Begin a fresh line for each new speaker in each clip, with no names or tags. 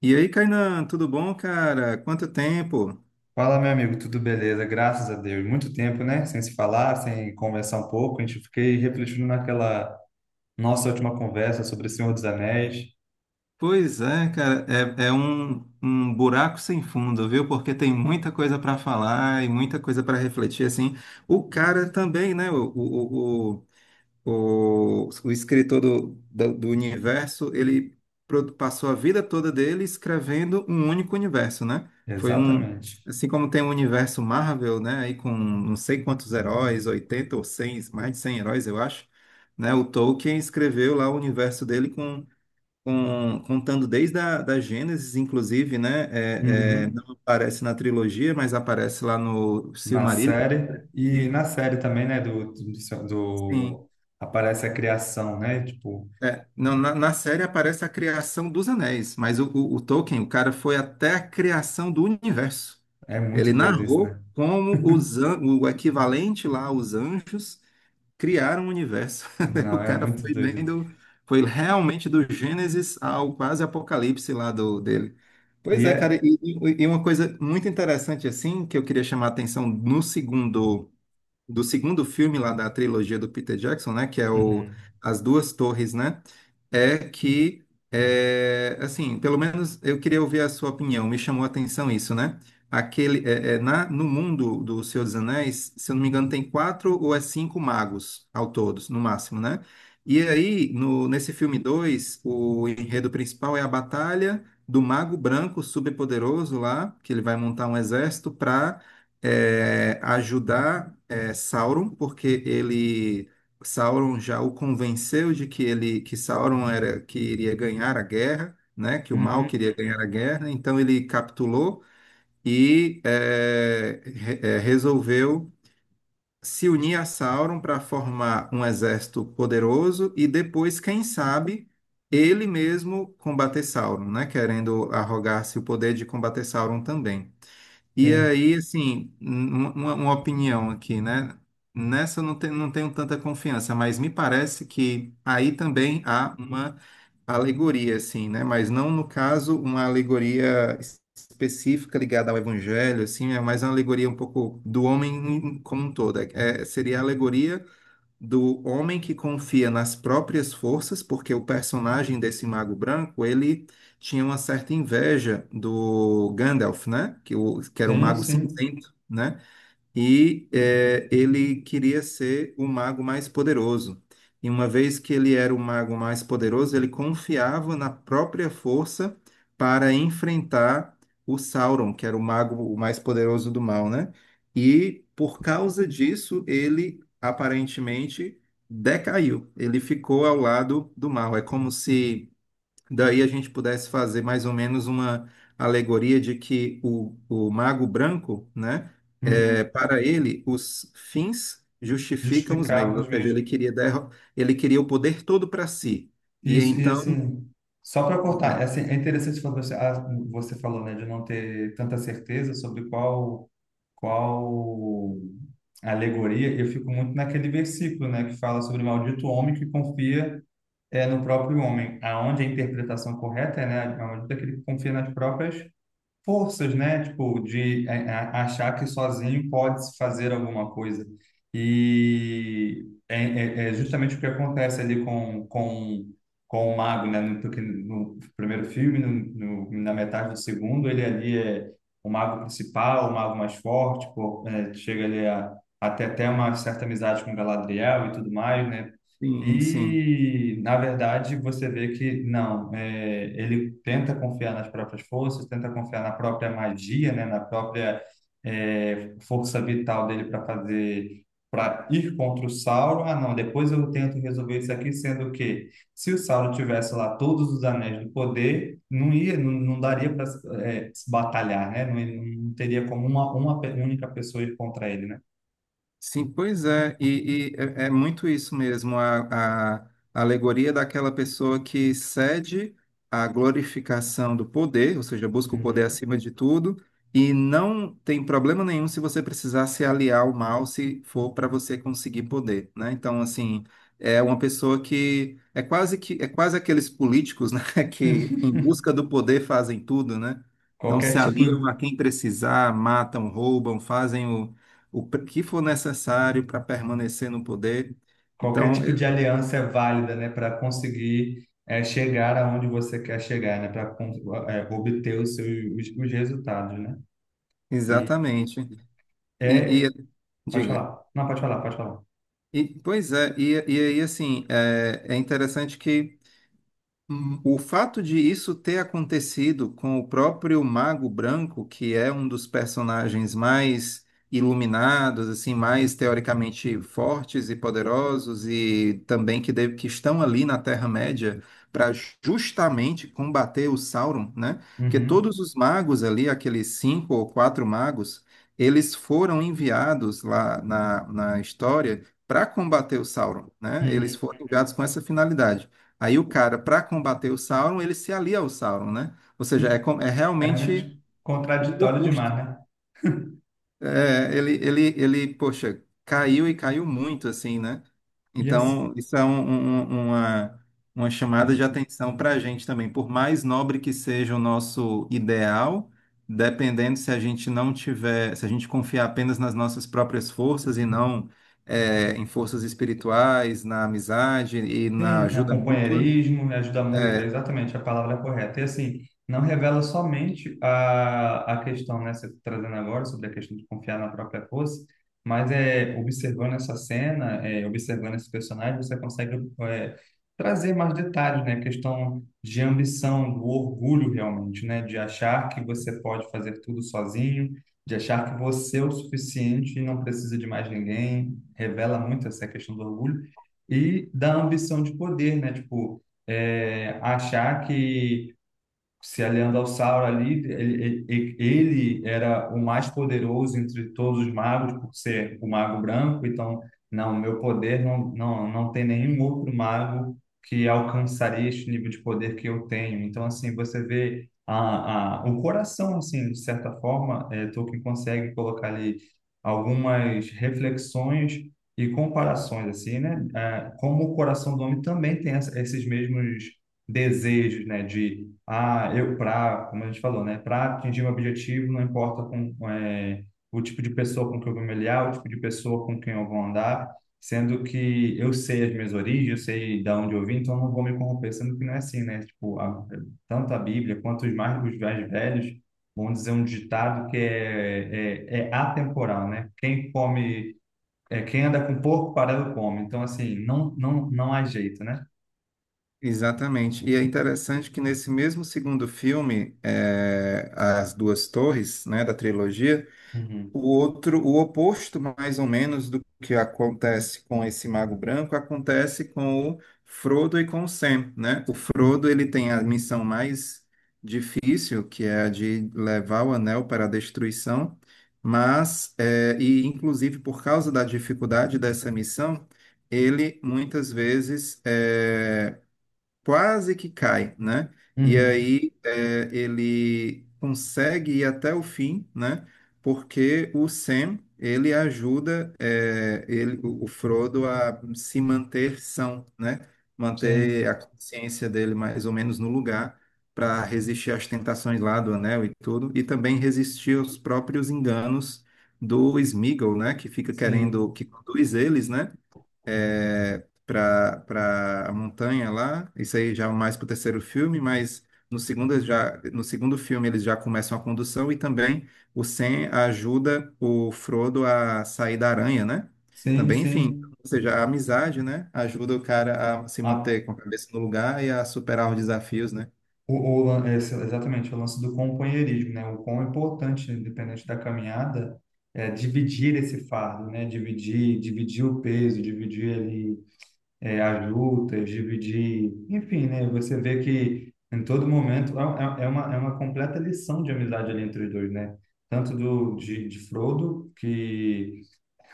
E aí, Kainan, tudo bom, cara? Quanto tempo?
Fala, meu amigo, tudo beleza? Graças a Deus. Muito tempo, né? Sem se falar, sem conversar um pouco. A gente fiquei refletindo naquela nossa última conversa sobre o Senhor dos Anéis.
Pois é, cara, é um buraco sem fundo, viu? Porque tem muita coisa para falar e muita coisa para refletir, assim. O cara também, né? O escritor do universo, ele passou a vida toda dele escrevendo um único universo, né? Foi um,
Exatamente.
assim como tem o universo Marvel, né? Aí com não sei quantos heróis, 80 ou 100, mais de 100 heróis, eu acho, né? O Tolkien escreveu lá o universo dele com contando desde a da Gênesis, inclusive, né? É,
Uhum.
não aparece na trilogia, mas aparece lá no
Na
Silmarillion.
série. E na série também, né?
Sim.
Aparece a criação, né? Tipo,
É, não, na série aparece a criação dos anéis, mas o Tolkien, o cara foi até a criação do universo.
é muito
Ele
doido isso,
narrou
né?
como o equivalente lá, os anjos, criaram o universo. O
Não, é
cara
muito
foi
doido.
foi realmente do Gênesis ao quase Apocalipse lá dele. Pois
E
é, cara,
é.
e uma coisa muito interessante assim, que eu queria chamar a atenção no segundo, do segundo filme lá da trilogia do Peter Jackson, né, que é o
Uhum.
As Duas Torres, né? É que, assim, pelo menos eu queria ouvir a sua opinião, me chamou a atenção isso, né? Aquele, é, é, na, no mundo do Senhor dos Anéis, se eu não me engano, tem quatro ou é cinco magos ao todos, no máximo, né? E aí, no, nesse filme 2 o enredo principal é a batalha do mago branco superpoderoso lá, que ele vai montar um exército para ajudar Sauron, porque ele Sauron já o convenceu de que ele que Sauron era que iria ganhar a guerra, né? Que o mal
Uhum.
queria ganhar a guerra, então ele capitulou e resolveu se unir a Sauron para formar um exército poderoso e depois, quem sabe, ele mesmo combater Sauron, né? Querendo arrogar-se o poder de combater Sauron também. E
Sim,
aí, assim, uma opinião aqui, né? Nessa eu não tenho tanta confiança, mas me parece que aí também há uma alegoria, assim, né? Mas não, no caso, uma alegoria específica ligada ao evangelho, assim, é mais uma alegoria um pouco do homem como um todo. É, seria a alegoria do homem que confia nas próprias forças, porque o personagem desse Mago Branco, ele tinha uma certa inveja do Gandalf, né? Que era o
sim,
Mago
sim.
Cinzento, né? E ele queria ser o mago mais poderoso. E uma vez que ele era o mago mais poderoso, ele confiava na própria força para enfrentar o Sauron, que era o mais poderoso do mal, né? E por causa disso, ele aparentemente decaiu. Ele ficou ao lado do mal. É como se daí a gente pudesse fazer mais ou menos uma alegoria de que o mago branco, né,
Uhum.
para ele, os fins justificam os meios,
Justificar
ou
os
seja,
meios.
ele queria o poder todo para si. E
Isso, e
então.
assim, só para
Vai.
cortar, é, assim, é interessante quando você, você falou, né, de não ter tanta certeza sobre qual alegoria. Eu fico muito naquele versículo, né, que fala sobre o maldito homem que confia no próprio homem, aonde a interpretação correta é, né, maldito aquele que confia nas próprias forças, né? Tipo, achar que sozinho pode se fazer alguma coisa. E é, é justamente o que acontece ali com o mago, né? No, porque no primeiro filme, na metade do segundo, ele ali é o mago principal, o mago mais forte, pô, é, chega ali a ter até uma certa amizade com Galadriel e tudo mais, né?
Sim, sim.
E, na verdade, você vê que não, é, ele tenta confiar nas próprias forças, tenta confiar na própria magia, né, na própria força vital dele para fazer, para ir contra o Sauron. Ah, não, depois eu tento resolver isso aqui, sendo que se o Sauron tivesse lá todos os anéis do poder, não ia, não daria para se batalhar, né? Não, não teria como única pessoa ir contra ele, né?
Sim, pois é, e é muito isso mesmo, a alegoria daquela pessoa que cede à glorificação do poder, ou seja, busca o poder
Uhum.
acima de tudo, e não tem problema nenhum se você precisar se aliar ao mal, se for para você conseguir poder, né? Então, assim, é uma pessoa que é quase aqueles políticos, né, que em busca do poder fazem tudo, né? Então, se
Qualquer tipo.
aliam a quem precisar, matam, roubam, fazem que for necessário para permanecer no poder.
Qualquer
Então,
tipo de aliança é válida, né, para conseguir é, chegar aonde você quer chegar, né, para obter os seus os resultados, né? E
exatamente. E, e-
é, pode
diga.
falar. Não, pode falar, pode falar.
E, pois é, e aí assim, é interessante que o fato de isso ter acontecido com o próprio Mago Branco, que é um dos personagens mais iluminados, assim, mais teoricamente fortes e poderosos, e também que, que estão ali na Terra-média para justamente combater o Sauron, né? Porque
Uhum,
todos os magos ali, aqueles cinco ou quatro magos, eles foram enviados lá na história para combater o Sauron, né? Eles
uhum,
foram enviados com essa finalidade. Aí o cara, para combater o Sauron, ele se alia ao Sauron, né? Ou seja,
uhum.
é
É
realmente
muito
o
contraditório
oposto.
demais, né?
É, ele, poxa, caiu e caiu muito, assim, né?
E assim,
Então, isso é uma chamada de atenção para a gente também. Por mais nobre que seja o nosso ideal, dependendo se a gente não tiver, se a gente confiar apenas nas nossas próprias forças e não em forças espirituais, na amizade e na
sim, né,
ajuda mútua.
companheirismo, né, ajuda mútua, é
É,
exatamente a palavra é correta. E assim, não revela somente a questão, né, você trazendo agora sobre a questão de confiar na própria força, mas é observando essa cena, é, observando esse personagem, você consegue é, trazer mais detalhes, né, questão de ambição, do orgulho realmente, né, de achar que você pode fazer tudo sozinho, de achar que você é o suficiente e não precisa de mais ninguém. Revela muito essa questão do orgulho e da ambição de poder, né? Tipo, é, achar que se aliando ao Sauron ali, ele era o mais poderoso entre todos os magos, por ser o mago branco. Então, não, meu poder não, não tem nenhum outro mago que alcançaria este nível de poder que eu tenho. Então, assim, você vê a, o coração, assim, de certa forma, é, Tolkien consegue colocar ali algumas reflexões e comparações, assim, né? É, como o coração do homem também tem essa, esses mesmos desejos, né, de ah, eu para, como a gente falou, né, para atingir um objetivo, não importa com é, o tipo de pessoa com quem eu vou me aliar, o tipo de pessoa com quem eu vou andar, sendo que eu sei as minhas origens, eu sei de onde eu vim, então eu não vou me corromper, sendo que não é assim, né? Tipo, a, tanto a Bíblia quanto os mais velhos vão dizer um ditado que é, é atemporal, né? Quem come é, quem anda com porco, parado come. Então, assim, não há jeito, né?
exatamente. E é interessante que nesse mesmo segundo filme, As Duas Torres, né, da trilogia,
Uhum.
o outro, o oposto mais ou menos do que acontece com esse Mago Branco, acontece com o Frodo e com o Sam, né? O Frodo, ele tem a missão mais difícil, que é a de levar o anel para a destruição, mas, e inclusive por causa da dificuldade dessa missão, ele muitas vezes quase que cai, né? E
Uhum.
aí ele consegue ir até o fim, né? Porque o Sam ele ajuda é, ele, o Frodo a se manter são, né? Manter
Sim,
a consciência dele mais ou menos no lugar para resistir às tentações lá do Anel e tudo, e também resistir aos próprios enganos do Sméagol, né? Que fica
sim,
querendo que conduz eles, né? é, para a montanha lá. Isso aí já é mais para o terceiro filme, mas no segundo filme eles já começam a condução e também o Sam ajuda o Frodo a sair da aranha, né?
sim,
Também, enfim,
sim.
ou seja, a amizade, né, ajuda o cara a se
A,
manter com a cabeça no lugar e a superar os desafios, né?
exatamente, o lance do companheirismo, né? O quão importante, independente da caminhada, é dividir esse fardo, né? Dividir o peso, dividir ali as lutas, dividir, enfim, né? Você vê que em todo momento é uma completa lição de amizade ali entre os dois, né? Tanto do, de Frodo, que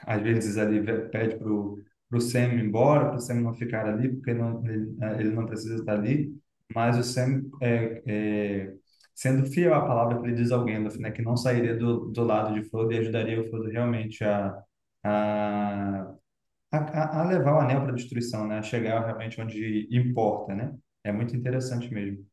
às vezes ali pede pro Sam ir embora, pro Sam não ficar ali, porque não, ele, ele não precisa estar ali, mas o Sam sendo fiel à palavra que ele diz ao Gandalf, né, que não sairia do lado de Frodo e ajudaria o Frodo realmente a, a levar o anel para a destruição, né, a chegar realmente onde importa, né? É muito interessante mesmo.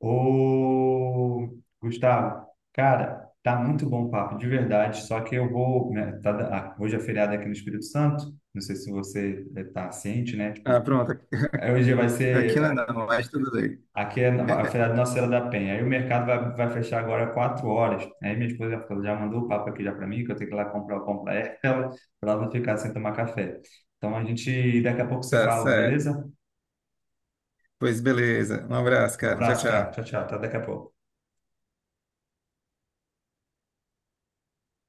Ô, Gustavo, cara, tá muito bom o papo, de verdade. Só que eu vou, né, hoje é feriado aqui no Espírito Santo. Não sei se você tá ciente, né?
Ah,
Tipo,
pronto.
hoje vai
Aqui não, é
ser
não, mas tudo bem.
aqui é a feriado de Nossa Senhora da Penha. Aí o mercado vai fechar agora 4 horas. Aí minha esposa já mandou o papo aqui já para mim que eu tenho que ir lá comprar o pão para ela, para ela não ficar sem tomar café. Então a gente daqui a pouco se
Tá
fala,
certo.
beleza?
Pois beleza. Um abraço,
Um
cara. Tchau,
abraço, cara.
tchau.
Tchau, tchau. Até daqui a pouco.